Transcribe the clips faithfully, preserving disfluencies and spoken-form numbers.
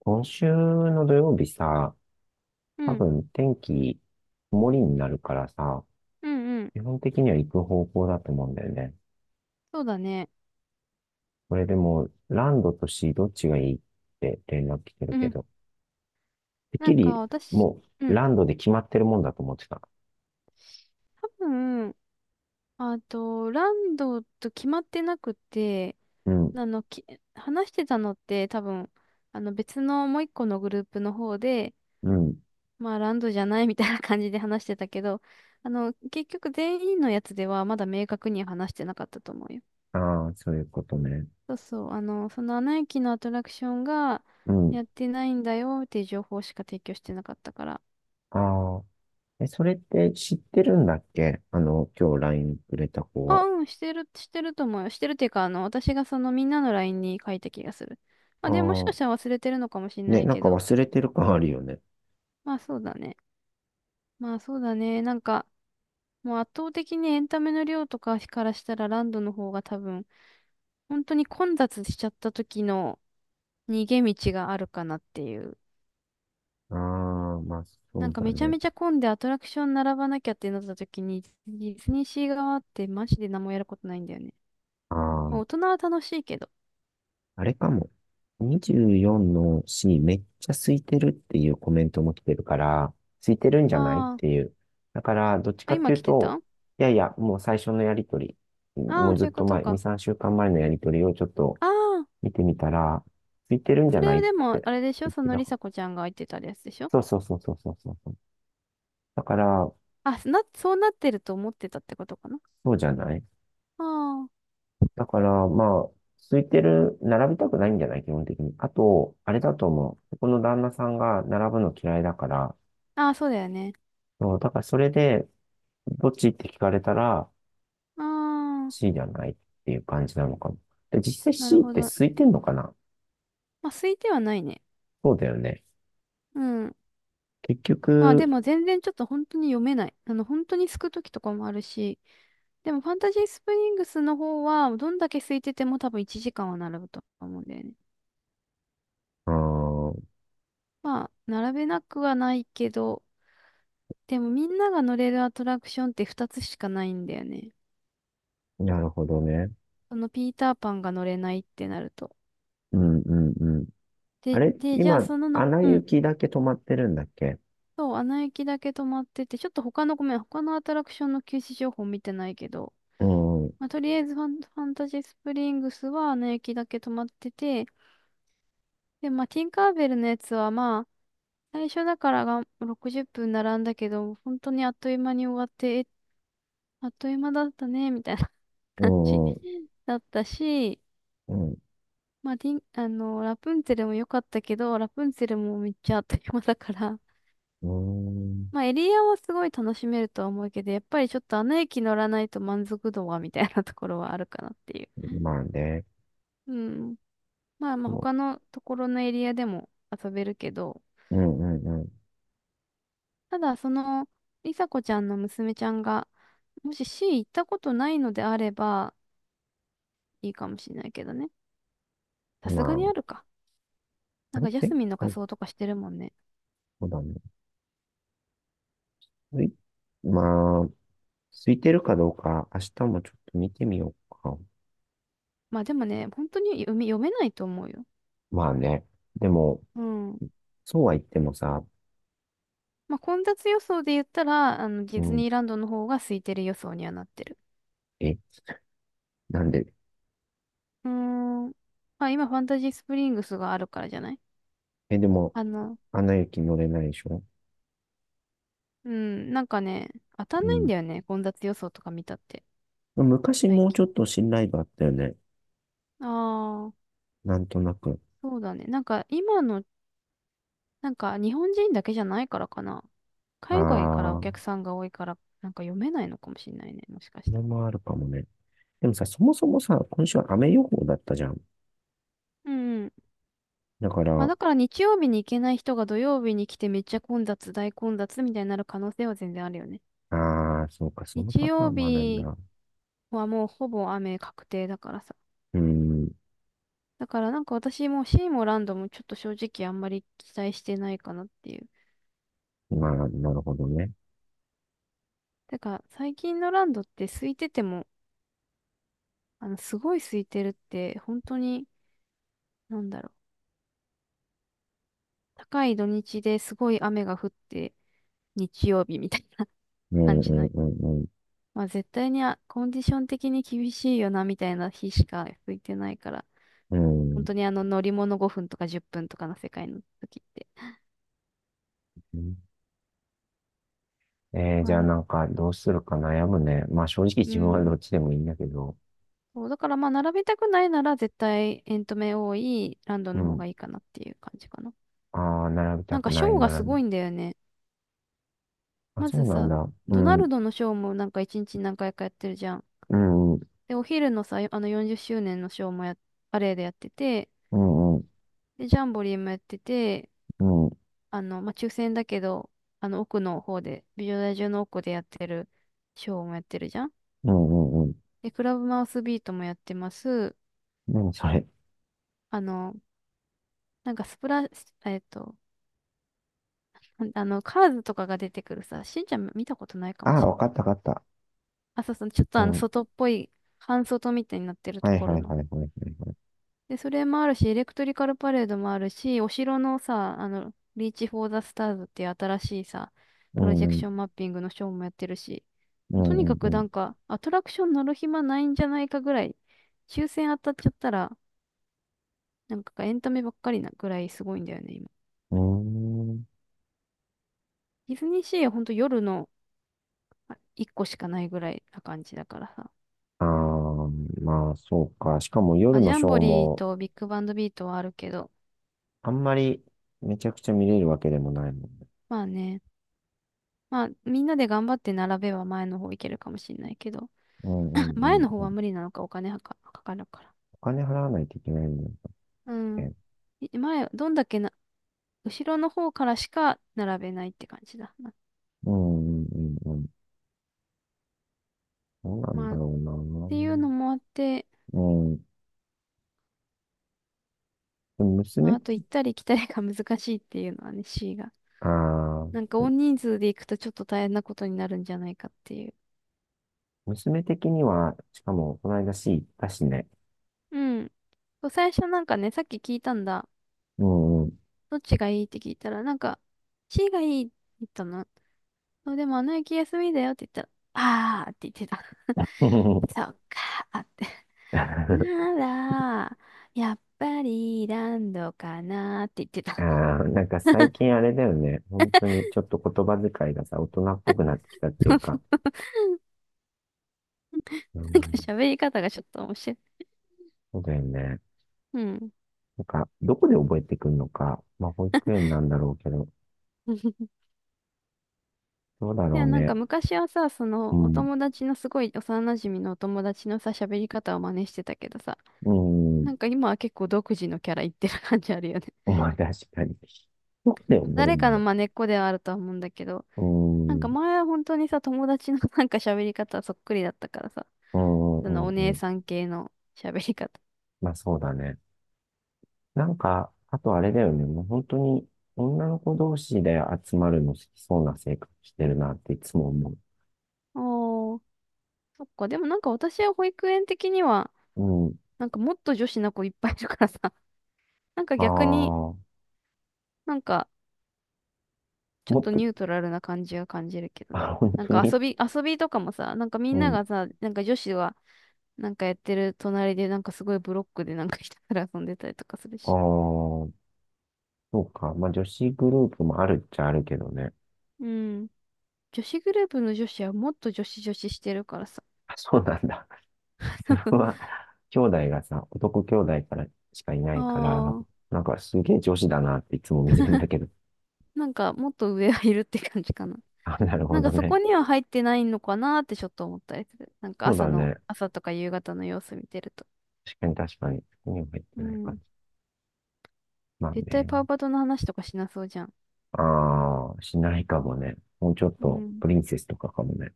今週の土曜日さ、う多ん、分天気曇りになるからさ、うん、うん。基本的には行く方向だと思うんだよね。そうだね。これでも、ランドとシーどっちがいいって連絡来てるうけん。ど、てっなきんかり私、もううん。ランドで決まってるもんだと思ってた。多分、あと、ランドと決まってなくて、うん、あの、き、話してたのって多分、あの別のもう一個のグループの方で、うん。まあランドじゃないみたいな感じで話してたけど、あの、結局全員のやつではまだ明確には話してなかったと思うよ。ああ、そういうことね。そうそう、あの、そのアナ雪のアトラクションがうん。やってないんだよっていう情報しか提供してなかったから。ああ。え、それって知ってるんだっけあの、今日ラインくれた子あ、は。うん、してる、してると思うよ。してるっていうか、あの、私がそのみんなの ライン に書いた気がする。まあ、あでももしかしたあ。ら忘れてるのかもしれなね、いなんけかど、忘れてる感あるよね。まあそうだね。まあそうだね。なんか、もう圧倒的にエンタメの量とかからしたらランドの方が多分、本当に混雑しちゃった時の逃げ道があるかなっていう。ああ、まあそなんうかだめちゃね。めちゃ混んでアトラクション並ばなきゃってなった時に、ディズニーシー側ってマジで何もやることないんだよね。ああ、まあ、大人は楽しいけど。あれかも。にじゅうよんの C めっちゃ空いてるっていうコメントも来てるから、空いてるんじゃないっあー、ていう。だから、どっちあ、かって今いう来てと、た。いやいや、もう最初のやりとり、あもあうー、ずそっういうことと前、に、か。さんしゅうかんまえのやりとりをちょっとああ、見てみたら、空いてるんじゃそれないはっでも、てあれでしょ、言っそてのたかりら。さこちゃんが言ってたやつでしょ？そうそうそうそうそうそうそう。だから、あ、な、そうなってると思ってたってことかな？そうじゃない。あだから、まあ、空いてる、並びたくないんじゃない基本的に。あと、あれだと思う。ここの旦那さんが並ぶの嫌いだから、あ、ああ、そうだよね。そう、だからそれで、どっちって聞かれたら ああ、C じゃないっていう感じなのかも。で、実際 なる C っほてど。空いてんのかな？まあ、空いてはないね。そうだよね。うん。結まあ、で局、も全然ちょっと本当に読めない。あの、本当にすくときとかもあるし、でもファンタジースプリングスの方は、どんだけ空いてても多分いちじかんは並ぶと思うんだよね。ああまあ、並べなくはないけど、でもみんなが乗れるアトラクションってふたつしかないんだよね。なるほどね。そのピーターパンが乗れないってなると。うんうんうん。あで、れで、じゃあ今、そのアの、ナうん。雪だけ止まってるんだっけ？そう、アナ雪だけ止まってて、ちょっと他の、ごめん、他のアトラクションの休止情報見てないけど、うんうまあ、とりあえずファン、ファンタジースプリングスはアナ雪だけ止まってて、で、まあ、ティンカーベルのやつはまあ、最初だからがろくじゅっぷん並んだけど、本当にあっという間に終わって、え、あっという間だったね、みたいな感じ んうん だったし、うんまあ、ティン、あの、ラプンツェルも良かったけど、ラプンツェルもめっちゃあっという間だから、うんまあ、エリアはすごい楽しめるとは思うけど、やっぱりちょっとあの駅乗らないと満足度はみたいなところはあるかなっていう。ん。まあね。うん。まあまあ、でも他のところのエリアでも遊べるけど、うんうんただ、その、りさこちゃんの娘ちゃんが、もし C 行ったことないのであれば、いいかもしれないけどね。うさん。ますがにあるあ、か。あなんれか、ジャ前スミンの仮回、装とかしてるもんね。そうだね。ういまあ、空いてるかどうか、明日もちょっと見てみようか。まあ、でもね、本当に読め、読めないと思うよ。まあね。でも、うん。そうは言ってもさ、まあ、混雑予想で言ったら、あの、うディズん、ニーランドの方が空いてる予想にはなってる。え、なんで、うーん。まあ今ファンタジースプリングスがあるからじゃない？え、でも、あの、アナ雪乗れないでしょ？うん、なんかね、当たんうないんん。だよね。混雑予想とか見たって、昔最もうちょっ近。と信頼度あったよね。ああ、なんとなく。そうだね。なんか今の、なんか日本人だけじゃないからかな。あ海外からおあ、こ客さんが多いから、なんか読めないのかもしれないね。もしかしれたら。もあるかもね。でもさ、そもそもさ、今週は雨予報だったじゃん。うんうん。だかまあら、だから日曜日に行けない人が土曜日に来てめっちゃ混雑、大混雑みたいになる可能性は全然あるよね。ああ、そうか、その日パター曜ンもあるん日だ。はもうほぼ雨確定だからさ。うん、だからなんか私もシーもランドもちょっと正直あんまり期待してないかなっていう。まあ、なるほどね。だから最近のランドって空いてても、あの、すごい空いてるって本当に、なんだろう。高い土日ですごい雨が降って日曜日みたいな う ん、感うじん、の。うん、まあ絶対にあコンディション的に厳しいよなみたいな日しか空いてないから。う本ん。当にあの乗り物ごふんとかじゅっぷんとかの世界の時って。うんえー、じまあゃあだ、なんか、どうするか悩むね。まあ、正直う自分はどん。っちでもいいんだけど。そう、だからまあ、並びたくないなら絶対エントメ多いランドうの方ん。がいいかなっていう感じかな。ああ、並びたなんくかシない、ョーがす並びたごくいんだよね。あ、まそずうなんさ、だ。うドナん、ルドのショーもなんかいちにちに何回かやってるじゃん。うん、うん、で、お昼のさ、あのよんじゅっしゅうねんのショーもや、パレードやってて、うん、うん、で、ジャンボリーもやってて、うん、あの、まあ、抽選だけど、あの奥の方で、美女大中の奥でやってるショーもやってるじゃん。うん、うん。で、クラブマウスビートもやってます。何それ。あの、なんかスプラ、えっと、ほんあの、カーズとかが出てくるさ、しんちゃん見たことないかあもあ、しれわなかっい。た、わかった。あ、そうそう、ちょっとうあの、ん。外っぽい、半外みたいになってるとはい、こはろい、はの。い、はい、はいはい。で、それもあるし、エレクトリカルパレードもあるし、お城のさ、あの、リーチ・フォー・ザ・スターズっていう新しいさ、プうロん、ジうェクん、ションマッピングのショーもやってるし、うもうとにん、かくなうんか、アトラクション乗る暇ないんじゃないかぐらい、抽選当たっちゃったら、なんかエンタメばっかりなぐらいすごいんだよね、今。ん。うーん。ディズニーシーはほんと夜のあ一個しかないぐらいな感じだからさ。ああ、まあ、そうか。しかもま夜あ、ジのャションーボリーも、とビッグバンドビートはあるけど。あんまりめちゃくちゃ見れるわけでもないもんね。まあね。まあ、みんなで頑張って並べば前の方いけるかもしれないけど。うん、う ん、う前ん、の方うはん。無理なのか、お金はか、かかるから。お金払わないといけないもんだっうん。け。い前、どんだけな、後ろの方からしか並べないって感じだな。うん、うん、うん、うん。どうなんまあ、だっろうな。ていうのもあって、うん。でも娘まあ、っあとて、行ったり来たりが難しいっていうのはね、C が。あなあ、んか大人数で行くとちょっと大変なことになるんじゃないかっていう。娘的には、しかも、この間 C 行ったしね。うん。そう最初なんかね、さっき聞いたんだ。うんうん。どっちがいいって聞いたら、なんか、C がいいって言ったの。そうでも、あの駅休みだよって言ったら、あーって言ってた。そ っかーって。なら、やっぱりランドかなーって言ってあた。あ、なんか最近あれだよね。本当にちょっと言葉遣いがさ、大人っぽくなってきたっ ていなうんか。うかん、喋り方がちょっと面白い。そうだよね。うん。なんか、どこで覚えてくんのか。まあ、保育園なんだろうけど、どうだいろや、うなんかね。昔はさ、そうの、おん、友達のすごい幼馴染のお友達のさ、喋り方を真似してたけどさ、うん、なんか今は結構独自のキャラ言ってる感じあるよね。まあ、確かに。どこで 覚える誰んだかのろ真似っこではあるとは思うんだけど、う。なんうかん、前は本当にさ、友達の なんか喋り方そっくりだったからさ、うん、うそのん、おうんう姉ん。さん系の喋り方。まあ、そうだね。なんか、あとあれだよね。もう本当に女の子同士で集まるの好きそうな性格してるなっていつも思 おー、そっか。でもなんか私は保育園的には、う。うん。なんかもっと女子の子いっぱいいるからさ、なんかあ逆にあ、なんかちょっもっとと、ニュートラルな感じが感じるけ どね。あ、本なん当か遊に。び、遊びとかもさ、なんかみうんなん。がさ、なんか女子はなんかやってる隣でなんかすごいブロックでなんかひたすら遊んでたりとかするあし。あ、そうか。まあ女子グループもあるっちゃあるけどね。うん。女子グループの女子はもっと女子女子してるからさ。あそうなんだ。自 分は兄弟がさ、男兄弟からしかいなあいから、あ。なんかすげえ女子だなっていつも見てるんだけど。なんか、もっと上はいるって感じかな。あ、なるほなんかどそね。こには入ってないのかなってちょっと思ったりする。なんかそう朝だの、ね。朝とか夕方の様子見てると。確かに確かに。手には入っうてない感ん。じ。まあ絶対ね。パウパトの話とかしなそうじゃん。ああ、しないかもね。もうちょっうと、ん。プリンセスとかかもね。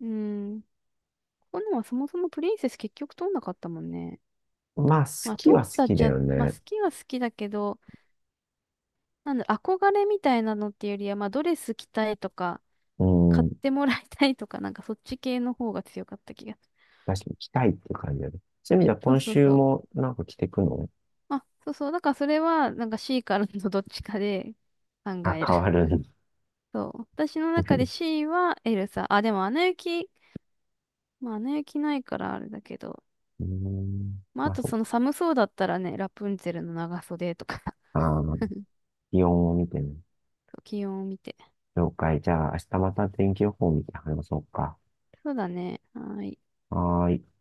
うん。ここのはそもそもプリンセス結局通んなかったもんね。まあ、好まあき通っは好たっきだちゃ、よまあ好ね。きは好きだけど、なんだ、憧れみたいなのっていうよりは、まあドレス着たいとか、う買ん。ってもらいたいとか、なんかそっち系の方が強かった気がする。確かに来たいっていう感じだね。そういう意味ではそう今そう週そう。もなんか着てくのあ、そうそう。だからそれは、なんか C からの どっちかで考あ、える。変わる んだ。そう。私の中で C はエルサ。あ、でもアナ雪、まあアナ雪ないからあれだけど。うん。まあまああ、とそそう。の寒そうだったらね、ラプンツェルの長袖とか。 ああ、気温を見てね。そう気温を見て。了解。じゃあ、明日また天気予報を見て話そうか。そうだね。はーい。はーい。